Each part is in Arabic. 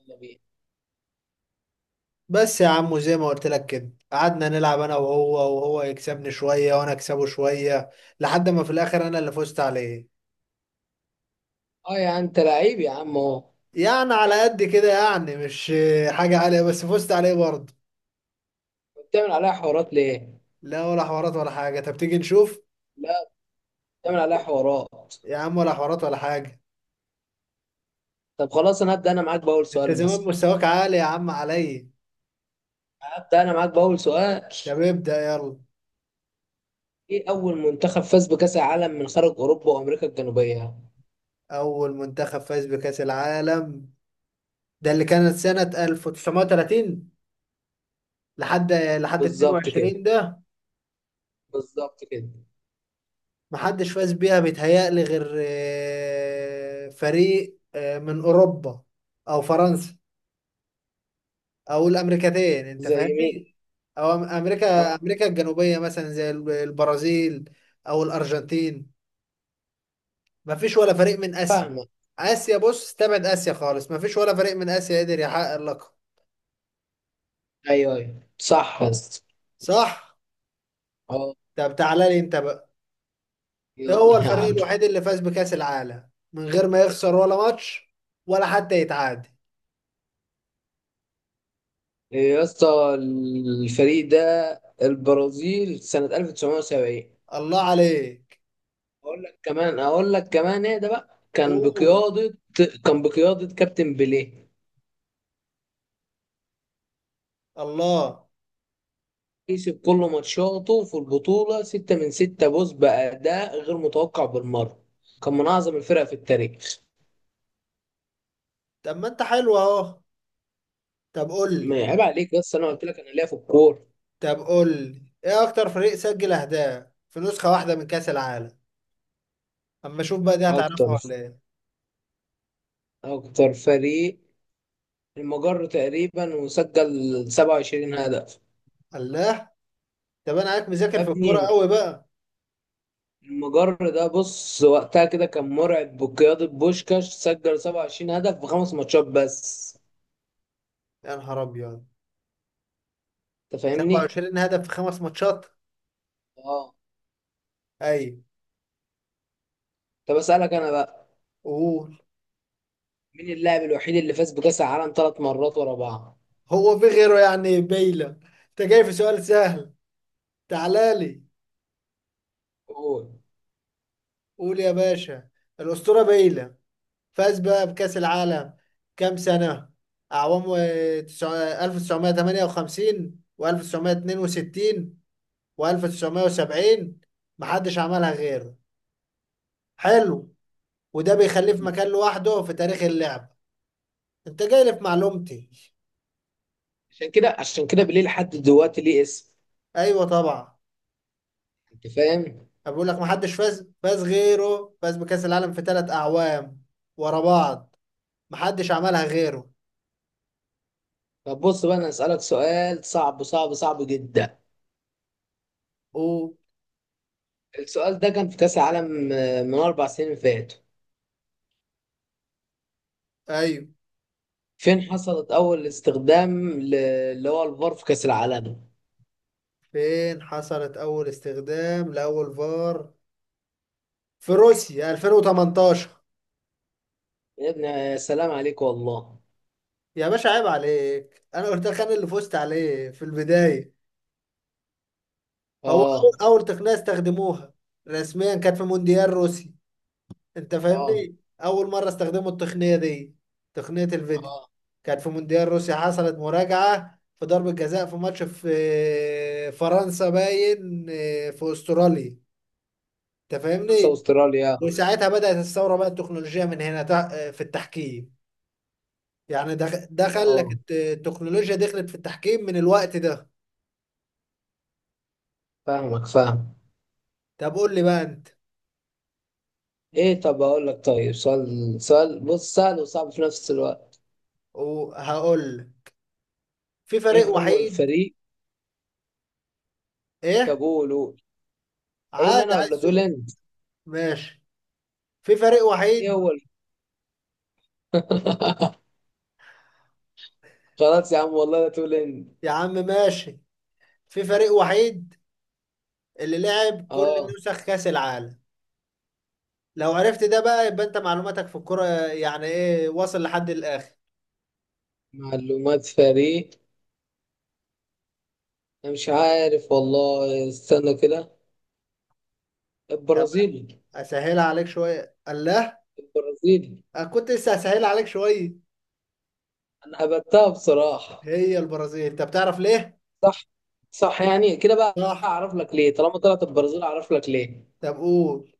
يلا بينا. بس يا عم، وزي ما قلت لك كده، قعدنا نلعب انا وهو، وهو يكسبني شوية وانا اكسبه شوية، لحد ما في الاخر انا اللي فزت عليه. اه، يا انت لعيب يا عم اهو. يعني على قد كده يعني، مش حاجة عالية، بس فزت عليه برضه. بتعمل عليها حوارات ليه؟ لا، ولا حوارات ولا حاجة. طب تيجي نشوف. لا، بتعمل عليها حوارات. يا عم، ولا حوارات ولا حاجة. طب خلاص، انا انت زمان مستواك عالي يا عم عليا. هبدا انا معاك باول سؤال. طب ابدأ يلا. ايه اول منتخب فاز بكاس العالم من خارج اوروبا وامريكا الجنوبيه؟ اول منتخب فاز بكأس العالم ده اللي كانت سنة 1930 لحد بالظبط كده، 22 ده. بالظبط كده. محدش فاز بيها بيتهيألي غير فريق من أوروبا أو فرنسا أو الأمريكتين، أنت زي مين؟ فاهمني؟ أو أم- أمريكا اه. أمريكا الجنوبية مثلا، زي البرازيل أو الأرجنتين. مفيش ولا فريق من آسيا. فاهمك. آسيا بص، استبعد آسيا خالص، مفيش ولا فريق من آسيا قدر يحقق اللقب. ايوه ايوه، صح يا اسطى. صح؟ اه. طب تعالى لي أنت بقى. ده يلا هو يا الفريق عم. الوحيد اللي فاز بكأس العالم من غير ما يخسر ولا ماتش ولا حتى يتعادل. يا اسطى، الفريق ده البرازيل سنه 1970. الله عليك. اقول لك كمان ايه ده بقى، قول. كان بقيادة كابتن بيليه. الله. كسب كل ماتشاته في البطولة، ستة من ستة، بوز بأداء غير متوقع بالمرة. كان من أعظم الفرق في التاريخ. طب ما انت حلو اهو. طب قول ما لي. عيب عليك، بس أنا قلت لك أنا ليا في الكورة. طب قول لي، ايه اكتر فريق سجل اهداف في نسخة واحدة من كأس العالم؟ اما اشوف بقى دي أكتر هتعرفها ولا ايه. أكتر فريق المجر تقريبا، وسجل 27 هدف. الله. طب انا عارف يا مذاكر في الكورة ابني، قوي بقى. المجر ده بص وقتها كده كان مرعب، بقيادة بوشكاش سجل 27 هدف في خمس ماتشات بس. يا نهار ابيض، انت فاهمني. 27 هدف في خمس ماتشات. اه. ايوه. طب اسالك انا بقى، قول. مين اللاعب الوحيد اللي فاز بكاس العالم ثلاث مرات ورا بعض. هو في غيره يعني، بيلا؟ انت جاي في سؤال سهل. تعالى لي. قول. قول يا باشا. الأسطورة بيلا فاز بقى بكأس العالم كام سنة أعوام 1958 و1962 و1970. محدش عملها غيره. حلو. وده بيخليه في مكان لوحده في تاريخ اللعبة. انت جاي لي في معلومتي. عشان كده بليه لحد دلوقتي ليه اسم. ايوه طبعا. انت فاهم. أنا بقول لك، محدش فاز غيره فاز بكأس العالم في 3 أعوام ورا بعض. محدش عملها غيره. طب بص بقى، انا اسالك سؤال صعب صعب صعب جدا. او. السؤال ده كان في كاس العالم من اربع سنين فاتوا. ايوه. فين حصلت اول استخدام اللي هو الفار في كاس العالم. فين حصلت اول استخدام لاول فار؟ في روسيا 2018. يا ابني يا سلام عليك والله. يا باشا عيب عليك، انا قلت لك انا اللي فزت عليه في البدايه. هو اه. اول تقنيه استخدموها رسميا كانت في مونديال روسي. انت اه. فاهمني؟ اول مره استخدموا التقنيه دي، تقنيه الفيديو، اه، كانت في مونديال روسيا. حصلت مراجعه في ضربه جزاء في ماتش، في فرنسا باين، في استراليا. انت فرنسا فاهمني؟ واستراليا. وساعتها بدات الثوره بقى، التكنولوجيا من هنا في التحكيم. يعني ده خلك اه، التكنولوجيا دخلت في التحكيم من الوقت ده. فاهمك فاهم. طب قول لي بقى انت. ايه، طب اقول لك طيب. سؤال سؤال، بص، سهل وصعب في نفس الوقت. وهقول لك. في فريق ايه هو وحيد. الفريق؟ طب ايه. قول قول. اقول عادي، انا عايز ولا تقول سؤال. انت؟ ماشي. في فريق ايه وحيد. هو خلاص يا عم والله، لا تقول انت. يا عم ماشي. في فريق وحيد اللي لعب كل اه. نسخ كأس العالم. لو عرفت ده بقى، يبقى انت معلوماتك في الكرة يعني ايه، واصل لحد الاخر. معلومات فريق. انا مش عارف والله، استنى كده. طب البرازيل. اسهلها عليك شوية. الله. البرازيل. أنا كنت لسه هسهلها عليك شوية. انا هبتها بصراحة. هي البرازيل، انت بتعرف ليه؟ صح. صح، يعني كده بقى صح. اعرف لك ليه؟ طالما طلعت البرازيل اعرف لك ليه. طب قول.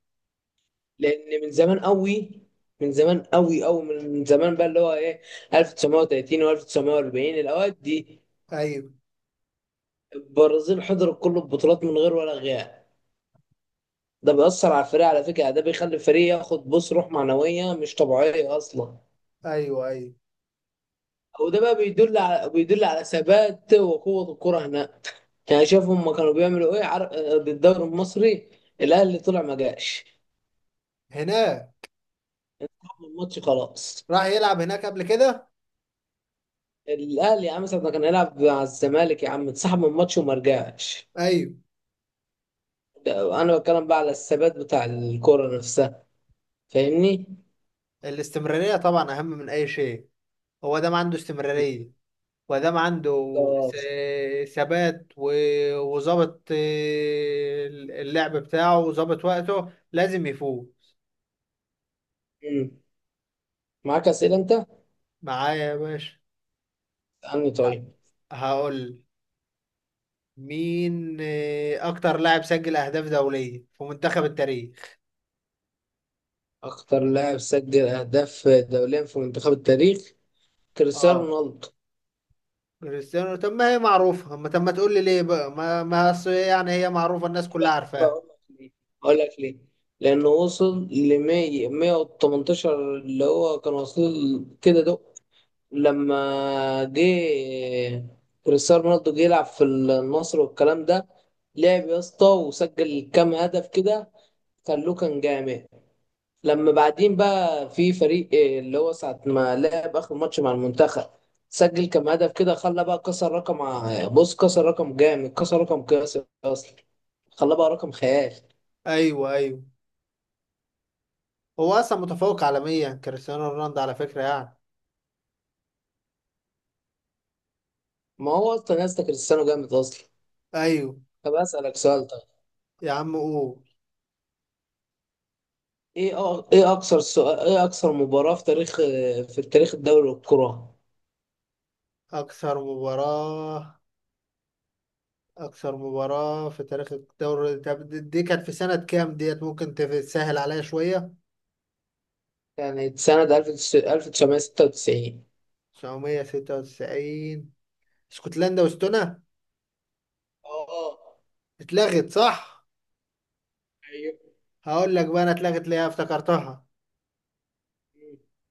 لان من زمان قوي، من زمان قوي قوي، من زمان بقى اللي هو ايه، 1930 و1940، الاوقات دي ايوه، البرازيل حضرت كل البطولات من غير ولا غياب. ده بيأثر على الفريق، على فكرة، ده بيخلي الفريق ياخد، بص، روح معنوية مش طبيعية أصلا. ايوه، ايوه. وده بقى بيدل على ثبات وقوة الكرة هناك. يعني شايف هما كانوا بيعملوا ايه بالدوري المصري. الأهلي طلع ما جاش هناك. من الماتش خلاص. راح يلعب هناك قبل كده. الأهلي يا عم ساعة ما كان هيلعب مع الزمالك، يا عم اتسحب من الماتش وما رجعش. ايوه. انا بتكلم بقى على الثبات بتاع الكرة نفسها. فاهمني. الاستمرارية طبعا اهم من اي شيء. هو ده ما عنده استمرارية، وده ما عنده. بالظبط. ثبات و وظبط اللعب بتاعه، وظبط وقته، لازم يفوز. مم. معاك اسئله انت معايا يا باشا. عني؟ ه- طيب. هقول مين اكتر لاعب سجل اهداف دولية في منتخب التاريخ؟ اكتر لاعب سجل اهداف دوليا في منتخب التاريخ، كريستيانو اه. رونالدو. كريستيانو. طب ما هي معروفة، ما طب ما تقول لي ليه بقى، ما أصل يعني هي معروفة، الناس ليه كلها بقى يا اسطى؟ عارفاها. لك ليه اقول لك ليه، لانه وصل ل 100 118، اللي هو كان وصل كده ده لما جه. كريستيانو رونالدو جه يلعب في النصر والكلام ده، لعب يا اسطى وسجل كام هدف كده، خلوه كان جامد. لما بعدين بقى في فريق إيه اللي هو ساعة ما لعب آخر ماتش مع المنتخب، سجل كام هدف كده، خلى بقى كسر رقم بص كسر رقم جامد، كسر رقم قياسي أصلا، خلى بقى رقم خيال. ايوه ايوه، هو اصلا متفوق عالميا كريستيانو رونالدو على فكرة يعني. ما هو أصلا يا اسطى كريستيانو جامد أصلا. ايوه. طب أسألك سؤال طيب. يا عم قول. ايه أ- ايه اكثر سؤال ايه اكثر مباراة في تاريخ، في تاريخ الدوري الكرة. اكثر مباراة. اكثر مباراة في تاريخ الدوري، طب دي كانت في سنة كام؟ ديت ممكن تسهل عليا شوية. يعني سنة 1996. 996. اسكتلندا واستونا؟ اه. اتلغت، صح؟ ايوه. هقول لك بقى انا اتلغت ليه، افتكرتها.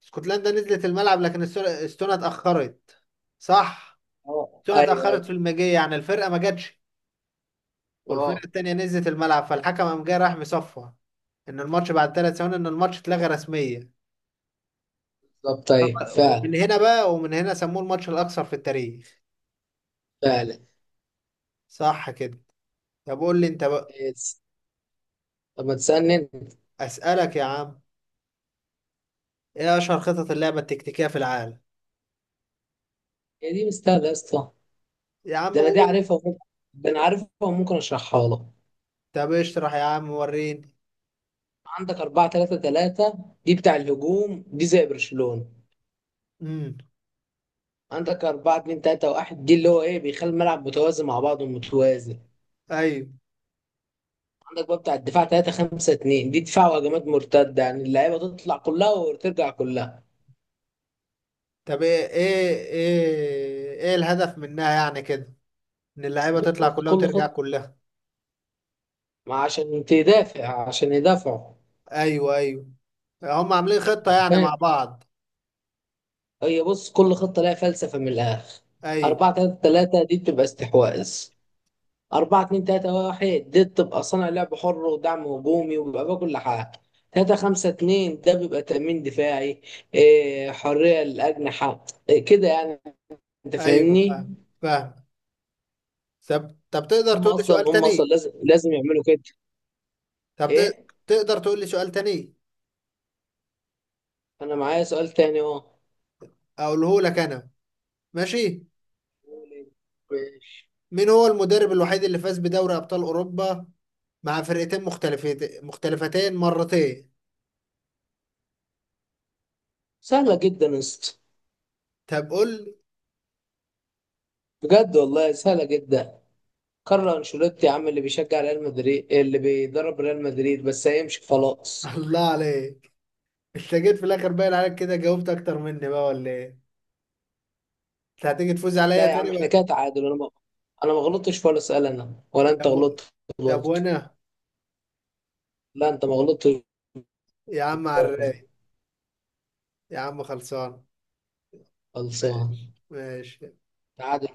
اسكتلندا نزلت الملعب، لكن استونا اتأخرت. صح. اه. استونا ايوه اتأخرت في ايوه. المجيء، يعني الفرقة ما جاتش، اه، والفرقه التانيه نزلت الملعب، فالحكم قام جاي راح مصفى ان الماتش بعد 3 ثواني، ان الماتش اتلغى رسميا. بالظبط، طب- ايوه فعلا. ومن هنا سموه الماتش الاكثر في التاريخ. فعلا. صح كده؟ طب قول لي انت بقى. إيه، طب ما تسألني انت؟ اسالك يا عم؟ ايه اشهر خطط اللعبه التكتيكيه في العالم؟ هي دي مستاهلة يا اسطى. يا عم ده انا دي قول. عارفها وممكن ده انا عارفها وممكن اشرحها لك. طب اشرح يا عم وريني. عندك 4 3 3، دي بتاع الهجوم، دي زي برشلونة. امم. عندك 4 2 3 1، دي اللي هو ايه، بيخلي الملعب متوازي مع بعضه متوازي. ايوه. عندك بقى بتاع الدفاع 3 5 2، دي دفاع وهجمات مرتده، يعني اللعيبه تطلع كلها وترجع كلها. طب ايه الهدف منها يعني كده، ان اللعيبه بص، تطلع بص كلها كل وترجع خطه، كلها؟ ما عشان تدافع، عشان يدافعوا. ايوه ايوه. هم عاملين خطه يعني فاهم. مع بعض. هي، بص، كل خطه لها فلسفه من الاخر. ايوه 4 3 3 دي بتبقى استحواذ. 4 2 3 1 دي بتبقى صانع لعب حر ودعم هجومي، وبيبقى بقى كل حاجه. 3 5 2 ده بيبقى تأمين دفاعي، حرية للأجنحة، كده يعني. أنت ايوه. فاهمني؟ فاهم. فاهم. طب تقدر تقول لي سؤال هم أصلا تاني؟ لازم يعملوا كده. طب ت- إيه؟ تقدر تقول لي سؤال تاني؟ انا معايا سؤال تاني اهو. اقوله لك انا. ماشي. ماشي. مين هو المدرب الوحيد اللي فاز بدوري ابطال اوروبا مع فرقتين مختلفتين مرتين؟ سهله جدا يا اسطى. طب قول لي. بجد والله سهله جدا. كارلو انشيلوتي يا عم، اللي بيشجع ريال مدريد، اللي بيدرب ريال مدريد بس هيمشي خلاص. الله عليك. انت جيت في الاخر باين عليك كده، جاوبت اكتر مني بقى ولا ايه؟ انت هتيجي تفوز عليا لا يا عم، تاني احنا بقى؟ كده تعادل. انا ما غلطتش في ولا سؤال، انا ولا انت طب و- غلطت طب برضه. وانا. لا، انت ما غلطتش يا عم برضه. عراف. يا عم خلصان. خلصان. ماشي. تعادل.